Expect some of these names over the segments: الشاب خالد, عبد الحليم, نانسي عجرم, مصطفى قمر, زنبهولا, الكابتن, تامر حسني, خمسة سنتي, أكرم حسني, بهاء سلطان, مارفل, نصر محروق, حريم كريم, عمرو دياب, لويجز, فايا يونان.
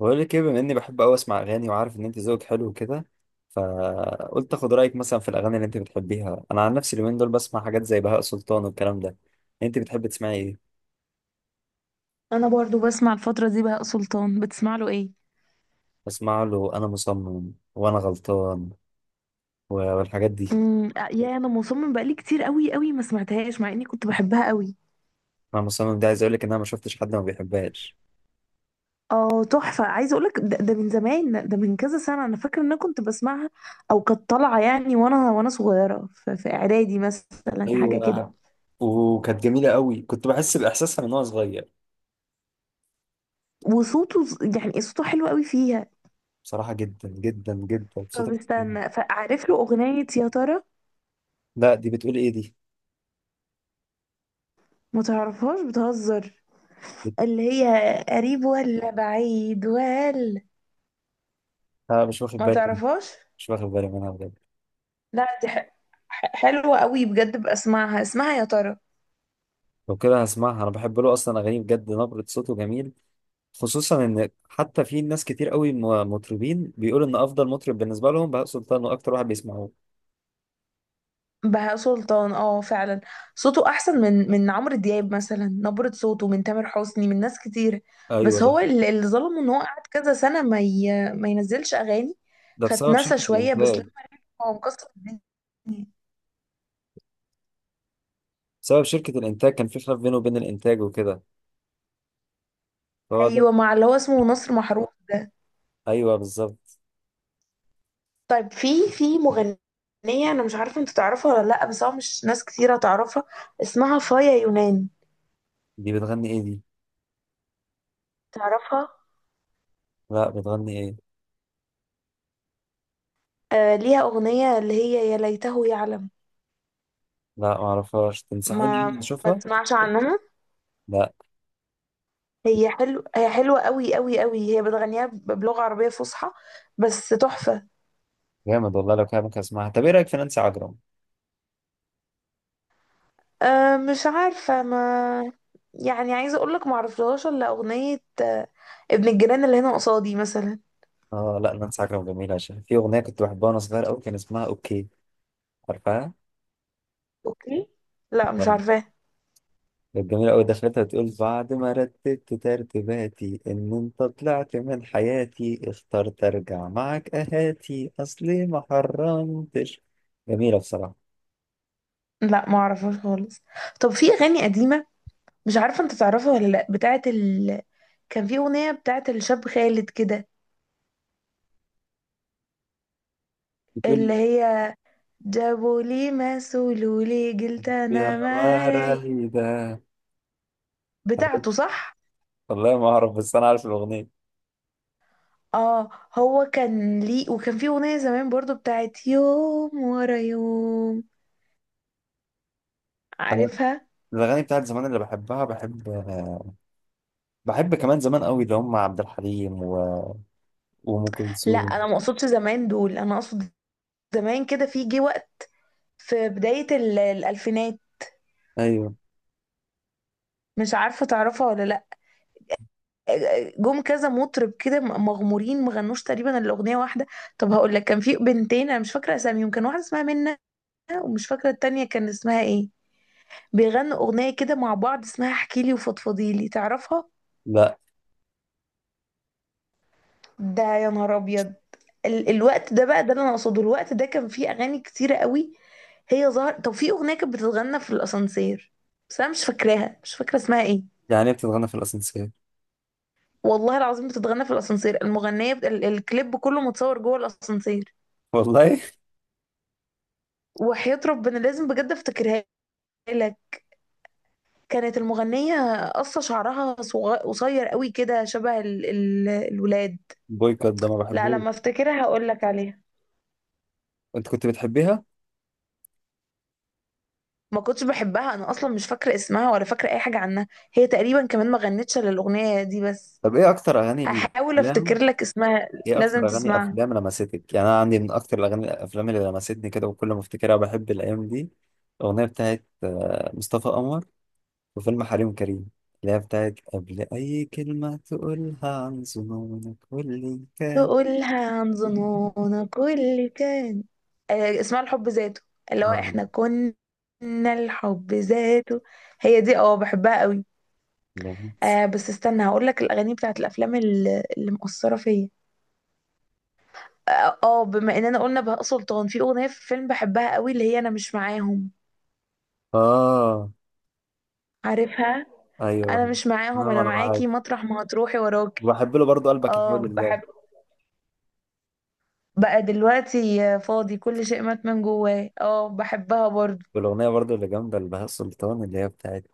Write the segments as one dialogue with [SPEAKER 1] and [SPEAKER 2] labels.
[SPEAKER 1] بقول لك ايه، بما اني بحب قوي اسمع اغاني وعارف ان انت ذوقك حلو كده. فقلت اخد رايك مثلا في الاغاني اللي انت بتحبيها. انا عن نفسي اليومين دول بسمع حاجات زي بهاء سلطان والكلام ده. انت بتحب تسمعي ايه؟
[SPEAKER 2] انا برضو بسمع الفتره دي بهاء سلطان. بتسمع له ايه؟
[SPEAKER 1] بسمع له انا مصمم وانا غلطان و- والحاجات دي.
[SPEAKER 2] يا انا مصمم بقالي كتير قوي قوي ما سمعتهاش مع اني كنت بحبها قوي.
[SPEAKER 1] انا مصمم ده، عايز اقول لك ان انا ما شفتش حد ما بيحبهاش.
[SPEAKER 2] اه تحفه، عايزه اقولك ده من زمان، ده من كذا سنه. انا فاكره ان انا كنت بسمعها، او كانت طالعه يعني وانا صغيره في اعدادي مثلا، حاجه كده.
[SPEAKER 1] ايوه، وكانت جميله قوي، كنت بحس باحساسها من وانا صغير.
[SPEAKER 2] وصوته يعني صوته حلو قوي فيها.
[SPEAKER 1] بصراحه جدا جدا جدا
[SPEAKER 2] طب
[SPEAKER 1] صوتك.
[SPEAKER 2] استنى، فعارف له اغنيه يا ترى؟
[SPEAKER 1] لا، دي بتقول ايه دي؟
[SPEAKER 2] ما تعرفهاش؟ بتهزر.
[SPEAKER 1] بت...
[SPEAKER 2] اللي هي قريب ولا بعيد ولا؟
[SPEAKER 1] آه، مش واخد
[SPEAKER 2] ما
[SPEAKER 1] بالي منها.
[SPEAKER 2] تعرفهاش؟
[SPEAKER 1] مش واخد بالي منها بجد.
[SPEAKER 2] لا، دي حلوة قوي بجد، بسمعها. اسمها يا ترى؟
[SPEAKER 1] لو كده هسمعها، انا بحب له اصلا اغانيه بجد، نبرة صوته جميل. خصوصا ان حتى في ناس كتير قوي مطربين بيقولوا ان افضل مطرب بالنسبه لهم بهاء سلطان واكتر واحد بيسمعوه.
[SPEAKER 2] بهاء سلطان، اه فعلا. صوته احسن من عمرو دياب مثلا، نبرة صوته، من تامر حسني، من ناس كتير.
[SPEAKER 1] ايوه
[SPEAKER 2] بس هو
[SPEAKER 1] ده.
[SPEAKER 2] اللي ظلمه ان هو قعد كذا سنة ما ينزلش اغاني.
[SPEAKER 1] ده بسبب
[SPEAKER 2] فاتنسى
[SPEAKER 1] شركه
[SPEAKER 2] شوية، بس
[SPEAKER 1] الانتاج.
[SPEAKER 2] لما رجع هو مكسر الدنيا.
[SPEAKER 1] بسبب شركه الانتاج كان في خلاف بينه وبين الانتاج وكده، فهو ده.
[SPEAKER 2] ايوه، مع اللي هو اسمه نصر محروق ده.
[SPEAKER 1] ايوه بالظبط.
[SPEAKER 2] طيب، في مغنية، انا مش عارفة انت تعرفها ولا لا، بس هو مش ناس كتيرة تعرفها. اسمها فايا يونان.
[SPEAKER 1] دي بتغني ايه دي؟
[SPEAKER 2] تعرفها؟
[SPEAKER 1] لا، بتغني ايه؟
[SPEAKER 2] آه، ليها أغنية اللي هي يا ليته يعلم.
[SPEAKER 1] لا معرفهاش، تنصحيني
[SPEAKER 2] ما
[SPEAKER 1] اني
[SPEAKER 2] ما
[SPEAKER 1] اشوفها؟
[SPEAKER 2] تسمعش عنها؟
[SPEAKER 1] لا.
[SPEAKER 2] هي حلو، هي حلوة قوي قوي قوي. هي بتغنيها بلغة عربية فصحى، بس تحفة.
[SPEAKER 1] جامد والله، لو كده ممكن اسمعها. طب ايه رايك في نانسي عجرم؟
[SPEAKER 2] آه مش عارفة، ما يعني عايزة أقولك معرفلهاش إلا أغنية، ابن الجيران اللي هنا قصادي مثلا.
[SPEAKER 1] اه لا، نانسي عجرم جميله، عشان في اغنيه كنت بحبها وانا صغير قوي كان اسمها اوكي. عارفها؟
[SPEAKER 2] أوكي؟ لا مش عارفاه.
[SPEAKER 1] كانت جميلة أوي، دخلتها تقول: بعد ما رتبت ترتيباتي إن أنت طلعت من حياتي اخترت أرجع معك أهاتي أصلي ما حرمتش. جميلة بصراحة.
[SPEAKER 2] لا معرفهاش خالص. طب في أغاني قديمة مش عارفة أنت تعرفها ولا لأ، بتاعت كان في أغنية بتاعت الشاب خالد كده، اللي
[SPEAKER 1] بتقول
[SPEAKER 2] هي جابوا لي ما سولوا لي قلت
[SPEAKER 1] يا
[SPEAKER 2] انا ما راي.
[SPEAKER 1] مرايدة.
[SPEAKER 2] بتاعته،
[SPEAKER 1] عارف-
[SPEAKER 2] صح؟
[SPEAKER 1] والله ما أعرف، بس أنا عارف الأغنية.
[SPEAKER 2] اه، هو كان ليه. وكان في اغنيه زمان برضو بتاعت يوم ورا يوم،
[SPEAKER 1] أنا
[SPEAKER 2] عارفها؟
[SPEAKER 1] الأغاني بتاعت زمان اللي بحبها بحب. بحب كمان زمان أوي اللي هم عبد الحليم وأم
[SPEAKER 2] لا
[SPEAKER 1] كلثوم.
[SPEAKER 2] انا ما اقصدش زمان دول، انا اقصد زمان كده، في جه وقت في بدايه الالفينات،
[SPEAKER 1] أيوه.
[SPEAKER 2] مش عارفه تعرفها ولا لا. جم كذا مطرب كده مغمورين، ما غنوش تقريبا الاغنيه واحده. طب هقول لك، كان في بنتين انا مش فاكره اساميهم، كان واحده اسمها منى ومش فاكره التانية كان اسمها ايه. بيغنوا أغنية كده مع بعض اسمها احكيلي وفضفضيلي، تعرفها؟
[SPEAKER 1] لا.
[SPEAKER 2] ده يا نهار أبيض. الوقت ده بقى ده اللي أنا أقصده. الوقت ده كان فيه أغاني كتيرة قوي، هي ظهر. طب في أغنية كانت بتتغنى في الأسانسير بس أنا مش فاكراها، مش فاكرة اسمها إيه.
[SPEAKER 1] يعني إيه بتتغنى في الأسانسير؟
[SPEAKER 2] والله العظيم بتتغنى في الأسانسير، المغنية الكليب كله متصور جوه الأسانسير.
[SPEAKER 1] والله.
[SPEAKER 2] وحياة ربنا لازم بجد أفتكرها لك. كانت المغنية قصة شعرها قصير قوي كده، شبه الولاد.
[SPEAKER 1] بويكوت ده ما
[SPEAKER 2] لا
[SPEAKER 1] بحبوش.
[SPEAKER 2] لما افتكرها هقول لك عليها.
[SPEAKER 1] أنت كنت بتحبيها؟
[SPEAKER 2] ما كنتش بحبها، انا اصلا مش فاكره اسمها ولا فاكره اي حاجه عنها. هي تقريبا كمان ما غنتش الا الاغنيه دي بس.
[SPEAKER 1] طب ايه اكتر اغاني
[SPEAKER 2] هحاول افتكر
[SPEAKER 1] الافلام؟
[SPEAKER 2] لك اسمها.
[SPEAKER 1] ايه
[SPEAKER 2] لازم
[SPEAKER 1] اكتر اغاني
[SPEAKER 2] تسمعها.
[SPEAKER 1] افلام لمستك؟ يعني انا عندي من اكتر الاغاني الافلام اللي لمستني كده، وكل ما افتكرها بحب الايام دي. الاغنيه بتاعت مصطفى قمر وفيلم حريم كريم، اللي هي بتاعت قبل اي كلمه تقولها عن ظنونك واللي كان.
[SPEAKER 2] تقولها عن ظنونا كل كان. آه، اسمها الحب ذاته، اللي هو
[SPEAKER 1] اه،
[SPEAKER 2] احنا كنا. الحب ذاته، هي دي. اه بحبها قوي.
[SPEAKER 1] لمس.
[SPEAKER 2] آه، بس استنى هقول لك الاغاني بتاعت الافلام اللي مؤثره فيا. اه بما اننا قلنا بهاء سلطان، في اغنيه في فيلم بحبها قوي اللي هي انا مش معاهم،
[SPEAKER 1] آه،
[SPEAKER 2] عارفها؟
[SPEAKER 1] ايوه
[SPEAKER 2] انا
[SPEAKER 1] بحب.
[SPEAKER 2] مش
[SPEAKER 1] آه،
[SPEAKER 2] معاهم،
[SPEAKER 1] انا
[SPEAKER 2] انا
[SPEAKER 1] وانا معاك.
[SPEAKER 2] معاكي مطرح ما هتروحي وراكي.
[SPEAKER 1] وبحب له برضه قلبك يا حبيب
[SPEAKER 2] اه
[SPEAKER 1] الله.
[SPEAKER 2] بحب. بقى دلوقتي فاضي، كل شيء مات من جواه. اه بحبها برضو.
[SPEAKER 1] والاغنيه برضه اللي جامده لبهاء سلطان اللي هي بتاعت.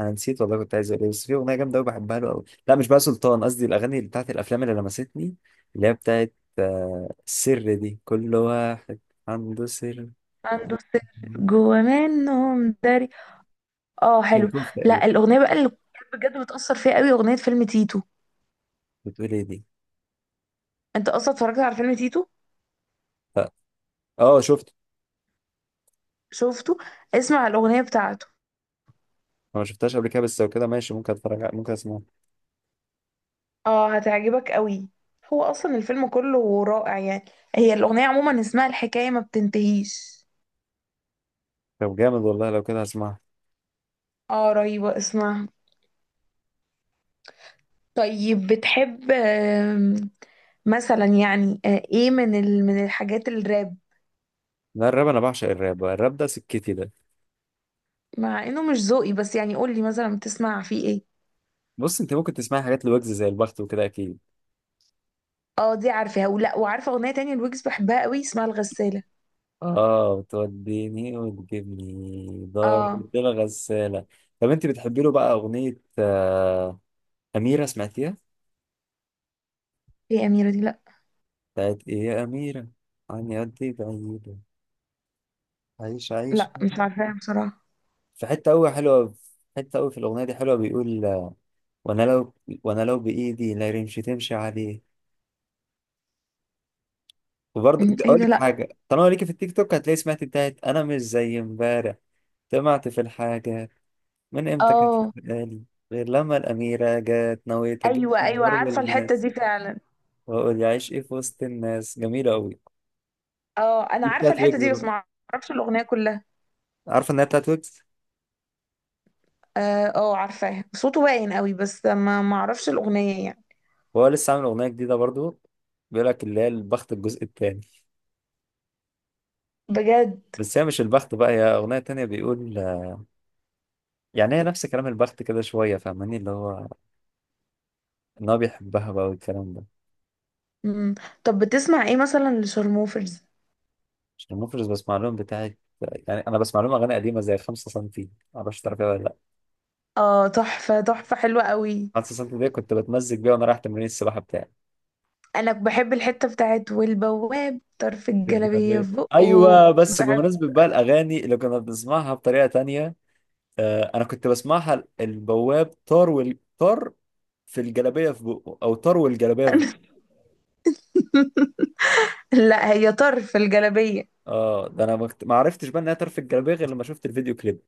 [SPEAKER 1] انا نسيت والله كنت عايز اقول ايه، بس في اغنيه جامده قوي بحبها له قوي. لا مش بقى سلطان، قصدي الاغاني اللي بتاعت الافلام اللي لمستني، اللي هي بتاعت السر، دي كل واحد عنده سر.
[SPEAKER 2] عنده سر جوا منهم داري، اه حلو.
[SPEAKER 1] الكوف تقريبا.
[SPEAKER 2] لا الاغنيه بقى اللي بجد بتاثر فيها قوي اغنيه فيلم تيتو.
[SPEAKER 1] بتقول ايه دي؟
[SPEAKER 2] انت اصلا اتفرجت على فيلم تيتو؟
[SPEAKER 1] اه. شفت.
[SPEAKER 2] شفته؟ اسمع الاغنيه بتاعته،
[SPEAKER 1] أنا ما شفتهاش قبل كده، بس لو كده ماشي ممكن اتفرج ممكن اسمعها.
[SPEAKER 2] اه هتعجبك قوي. هو اصلا الفيلم كله رائع يعني. هي الاغنيه عموما اسمها الحكايه ما بتنتهيش.
[SPEAKER 1] طب جامد والله، لو كده هسمعها.
[SPEAKER 2] اه رهيبه اسمها. طيب بتحب مثلا يعني ايه من من الحاجات الراب؟
[SPEAKER 1] لا، الراب انا بعشق الراب. الراب ده سكتي ده.
[SPEAKER 2] مع انه مش ذوقي بس يعني قول لي مثلا بتسمع فيه ايه.
[SPEAKER 1] بص، انت ممكن تسمعي حاجات لويجز زي البخت وكده اكيد.
[SPEAKER 2] اه دي عارفاها. ولا وعارفه اغنيه تانية الويجز بحبها قوي اسمها الغساله.
[SPEAKER 1] اه، بتوديني وتجيبني دار
[SPEAKER 2] اه.
[SPEAKER 1] الدنيا غسالة. طب انت بتحبي له بقى اغنية أميرة، سمعتيها؟
[SPEAKER 2] ايه اميره دي؟ لا.
[SPEAKER 1] بتاعت ايه يا أميرة، عني قد ايه بعيدة، عيش عيش.
[SPEAKER 2] لا مش عارفاها بصراحه.
[SPEAKER 1] في حتة أوي حلوة، في حتة أوي في الأغنية دي حلوة، بيقول وانا لو وانا لو بايدي لا رمش تمشي عليه. وبرضه
[SPEAKER 2] ايه
[SPEAKER 1] اقول
[SPEAKER 2] ده؟
[SPEAKER 1] لك
[SPEAKER 2] لا.
[SPEAKER 1] حاجه، طالما ليكي في التيك توك هتلاقي سمعت بتاعت انا مش زي امبارح. سمعت في الحاجه، من امتى كانت
[SPEAKER 2] اه.
[SPEAKER 1] خلقاني غير لما الأميرة جت، نويت أجيب
[SPEAKER 2] ايوه ايوه
[SPEAKER 1] كمبار
[SPEAKER 2] عارفه الحته
[SPEAKER 1] والماس
[SPEAKER 2] دي فعلا.
[SPEAKER 1] وأقول يعيش إيه في وسط الناس. جميلة أوي.
[SPEAKER 2] اه انا
[SPEAKER 1] دي
[SPEAKER 2] عارفه
[SPEAKER 1] بتاعت
[SPEAKER 2] الحته
[SPEAKER 1] ويجز
[SPEAKER 2] دي بس
[SPEAKER 1] برضه.
[SPEAKER 2] ما اعرفش الاغنيه كلها.
[SPEAKER 1] عارفة إن هي بتاعت ويجز.
[SPEAKER 2] اه عارفاها. صوته باين قوي بس ما اعرفش الاغنيه يعني.
[SPEAKER 1] وهو لسه عامل أغنية جديدة برضه، بيقول لك اللي هي البخت الجزء التاني.
[SPEAKER 2] بجد؟
[SPEAKER 1] بس هي مش البخت بقى، هي أغنية تانية بيقول. يعني هي نفس كلام البخت كده شوية، فاهماني؟ اللي هو إن هو بيحبها بقى والكلام ده.
[SPEAKER 2] مم. طب بتسمع ايه مثلا لشارموفرز؟
[SPEAKER 1] عشان المفرز بسمع لهم بتاعت، يعني أنا بسمع لهم أغاني قديمة زي 5 سنتي، معرفش تعرفيها ولا لأ.
[SPEAKER 2] اه تحفة تحفة، حلوة قوي.
[SPEAKER 1] 5 سنتي دي كنت بتمزج بيها وأنا رايح تمرين السباحة بتاعي.
[SPEAKER 2] انا بحب الحتة بتاعت والبواب طرف الجلابية
[SPEAKER 1] بالجابات.
[SPEAKER 2] في بقه.
[SPEAKER 1] ايوه، بس
[SPEAKER 2] بحب.
[SPEAKER 1] بمناسبه بقى الاغاني اللي كنا بنسمعها بطريقه تانية، آه انا كنت بسمعها البواب طار والطار في الجلابيه في بقه، او طار والجلابيه في بقه.
[SPEAKER 2] لا هي طرف الجلابية.
[SPEAKER 1] اه، ده انا ما عرفتش بقى انها طار في الجلابيه غير لما شفت الفيديو كليب.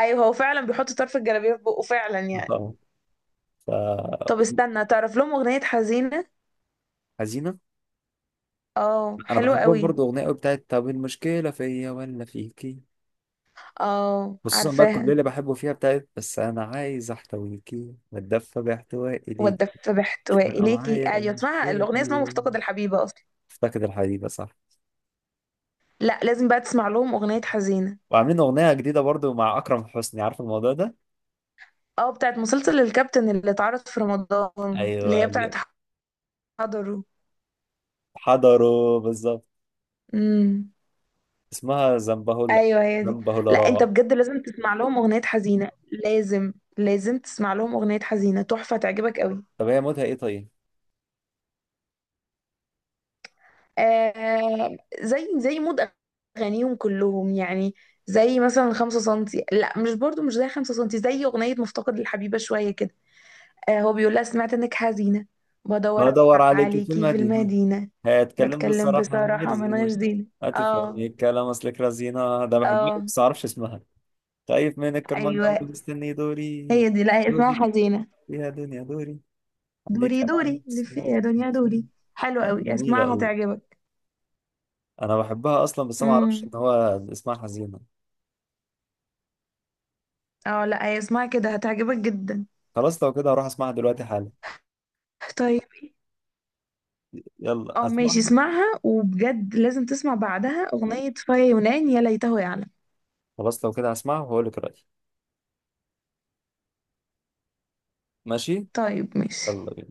[SPEAKER 2] ايوه هو فعلا بيحط طرف الجلابية في بقه فعلا يعني.
[SPEAKER 1] اه. ف
[SPEAKER 2] طب استنى، تعرف لهم اغنية حزينة؟
[SPEAKER 1] حزينه؟
[SPEAKER 2] اه
[SPEAKER 1] انا
[SPEAKER 2] حلوة
[SPEAKER 1] بحبهم
[SPEAKER 2] قوي.
[SPEAKER 1] برضو اغنيه قوي بتاعت طب المشكله فيا ولا فيكي.
[SPEAKER 2] اه
[SPEAKER 1] خصوصا بقى الكوبليه
[SPEAKER 2] عارفاها.
[SPEAKER 1] اللي بحبه فيها بتاعت بس انا عايز احتويكي واتدفى باحتوائي ليكي،
[SPEAKER 2] والدف
[SPEAKER 1] مش
[SPEAKER 2] باحتواء
[SPEAKER 1] فارقه
[SPEAKER 2] اليكي،
[SPEAKER 1] معايا
[SPEAKER 2] ايوه اسمها
[SPEAKER 1] المشكله
[SPEAKER 2] الاغنية اسمها
[SPEAKER 1] فيا.
[SPEAKER 2] مفتقد الحبيبة اصلا.
[SPEAKER 1] افتقد الحديده، صح؟
[SPEAKER 2] لا لازم بقى تسمع لهم اغنية حزينة.
[SPEAKER 1] وعاملين أغنية جديدة برضو مع أكرم حسني، عارف الموضوع ده؟
[SPEAKER 2] اه بتاعت مسلسل الكابتن اللي اتعرض في رمضان، اللي
[SPEAKER 1] أيوة
[SPEAKER 2] هي بتاعت
[SPEAKER 1] اللي
[SPEAKER 2] حضره.
[SPEAKER 1] حضروا بالظبط.
[SPEAKER 2] امم.
[SPEAKER 1] اسمها زنبهولا،
[SPEAKER 2] ايوه هي دي.
[SPEAKER 1] زنبهولا
[SPEAKER 2] لا انت
[SPEAKER 1] راح.
[SPEAKER 2] بجد لازم تسمع لهم اغنية حزينة، لازم لازم تسمع لهم اغنية حزينة، تحفة تعجبك قوي.
[SPEAKER 1] طب هي موتها إيه طيب؟
[SPEAKER 2] آه زي مود اغانيهم كلهم يعني. زي مثلا 5 سنتي، لا مش برضو، مش زي 5 سنتي، زي اغنية مفتقد للحبيبة شوية كده. آه هو بيقول لها سمعت انك حزينة، بدور
[SPEAKER 1] بدور عليكي في
[SPEAKER 2] عليكي في
[SPEAKER 1] المدينة،
[SPEAKER 2] المدينة،
[SPEAKER 1] هتكلم
[SPEAKER 2] بتكلم
[SPEAKER 1] بالصراحة من
[SPEAKER 2] بصراحة من غير
[SPEAKER 1] مرزينة،
[SPEAKER 2] زينة.
[SPEAKER 1] هتفهمي
[SPEAKER 2] اه.
[SPEAKER 1] الكلام أصلك رزينة. ده بحبها
[SPEAKER 2] اه
[SPEAKER 1] بس معرفش اسمها. طيب من الكرمان ده
[SPEAKER 2] ايوه
[SPEAKER 1] مستني دوري،
[SPEAKER 2] هي دي. لا هي اسمها
[SPEAKER 1] دوري
[SPEAKER 2] حزينة.
[SPEAKER 1] يا دنيا دوري،
[SPEAKER 2] دوري
[SPEAKER 1] عندك أنا
[SPEAKER 2] دوري
[SPEAKER 1] بس.
[SPEAKER 2] لفي يا دنيا دوري. حلو
[SPEAKER 1] لا،
[SPEAKER 2] قوي،
[SPEAKER 1] جميلة
[SPEAKER 2] اسمعها
[SPEAKER 1] أوي.
[SPEAKER 2] هتعجبك.
[SPEAKER 1] أنا بحبها أصلا بس ما أعرفش إن
[SPEAKER 2] امم.
[SPEAKER 1] هو اسمها حزينة.
[SPEAKER 2] اه لا هي اسمها كده، هتعجبك جدا.
[SPEAKER 1] خلاص، لو كده هروح اسمعها دلوقتي حالا.
[SPEAKER 2] طيب.
[SPEAKER 1] يلا
[SPEAKER 2] اه ماشي
[SPEAKER 1] اسمعها.
[SPEAKER 2] اسمعها. وبجد لازم تسمع بعدها اغنية فيا يونان يا ليته يعلم.
[SPEAKER 1] خلاص، لو كده هسمعها وهقول لك رأيي. ماشي.
[SPEAKER 2] طيب ماشي.
[SPEAKER 1] يلا بينا.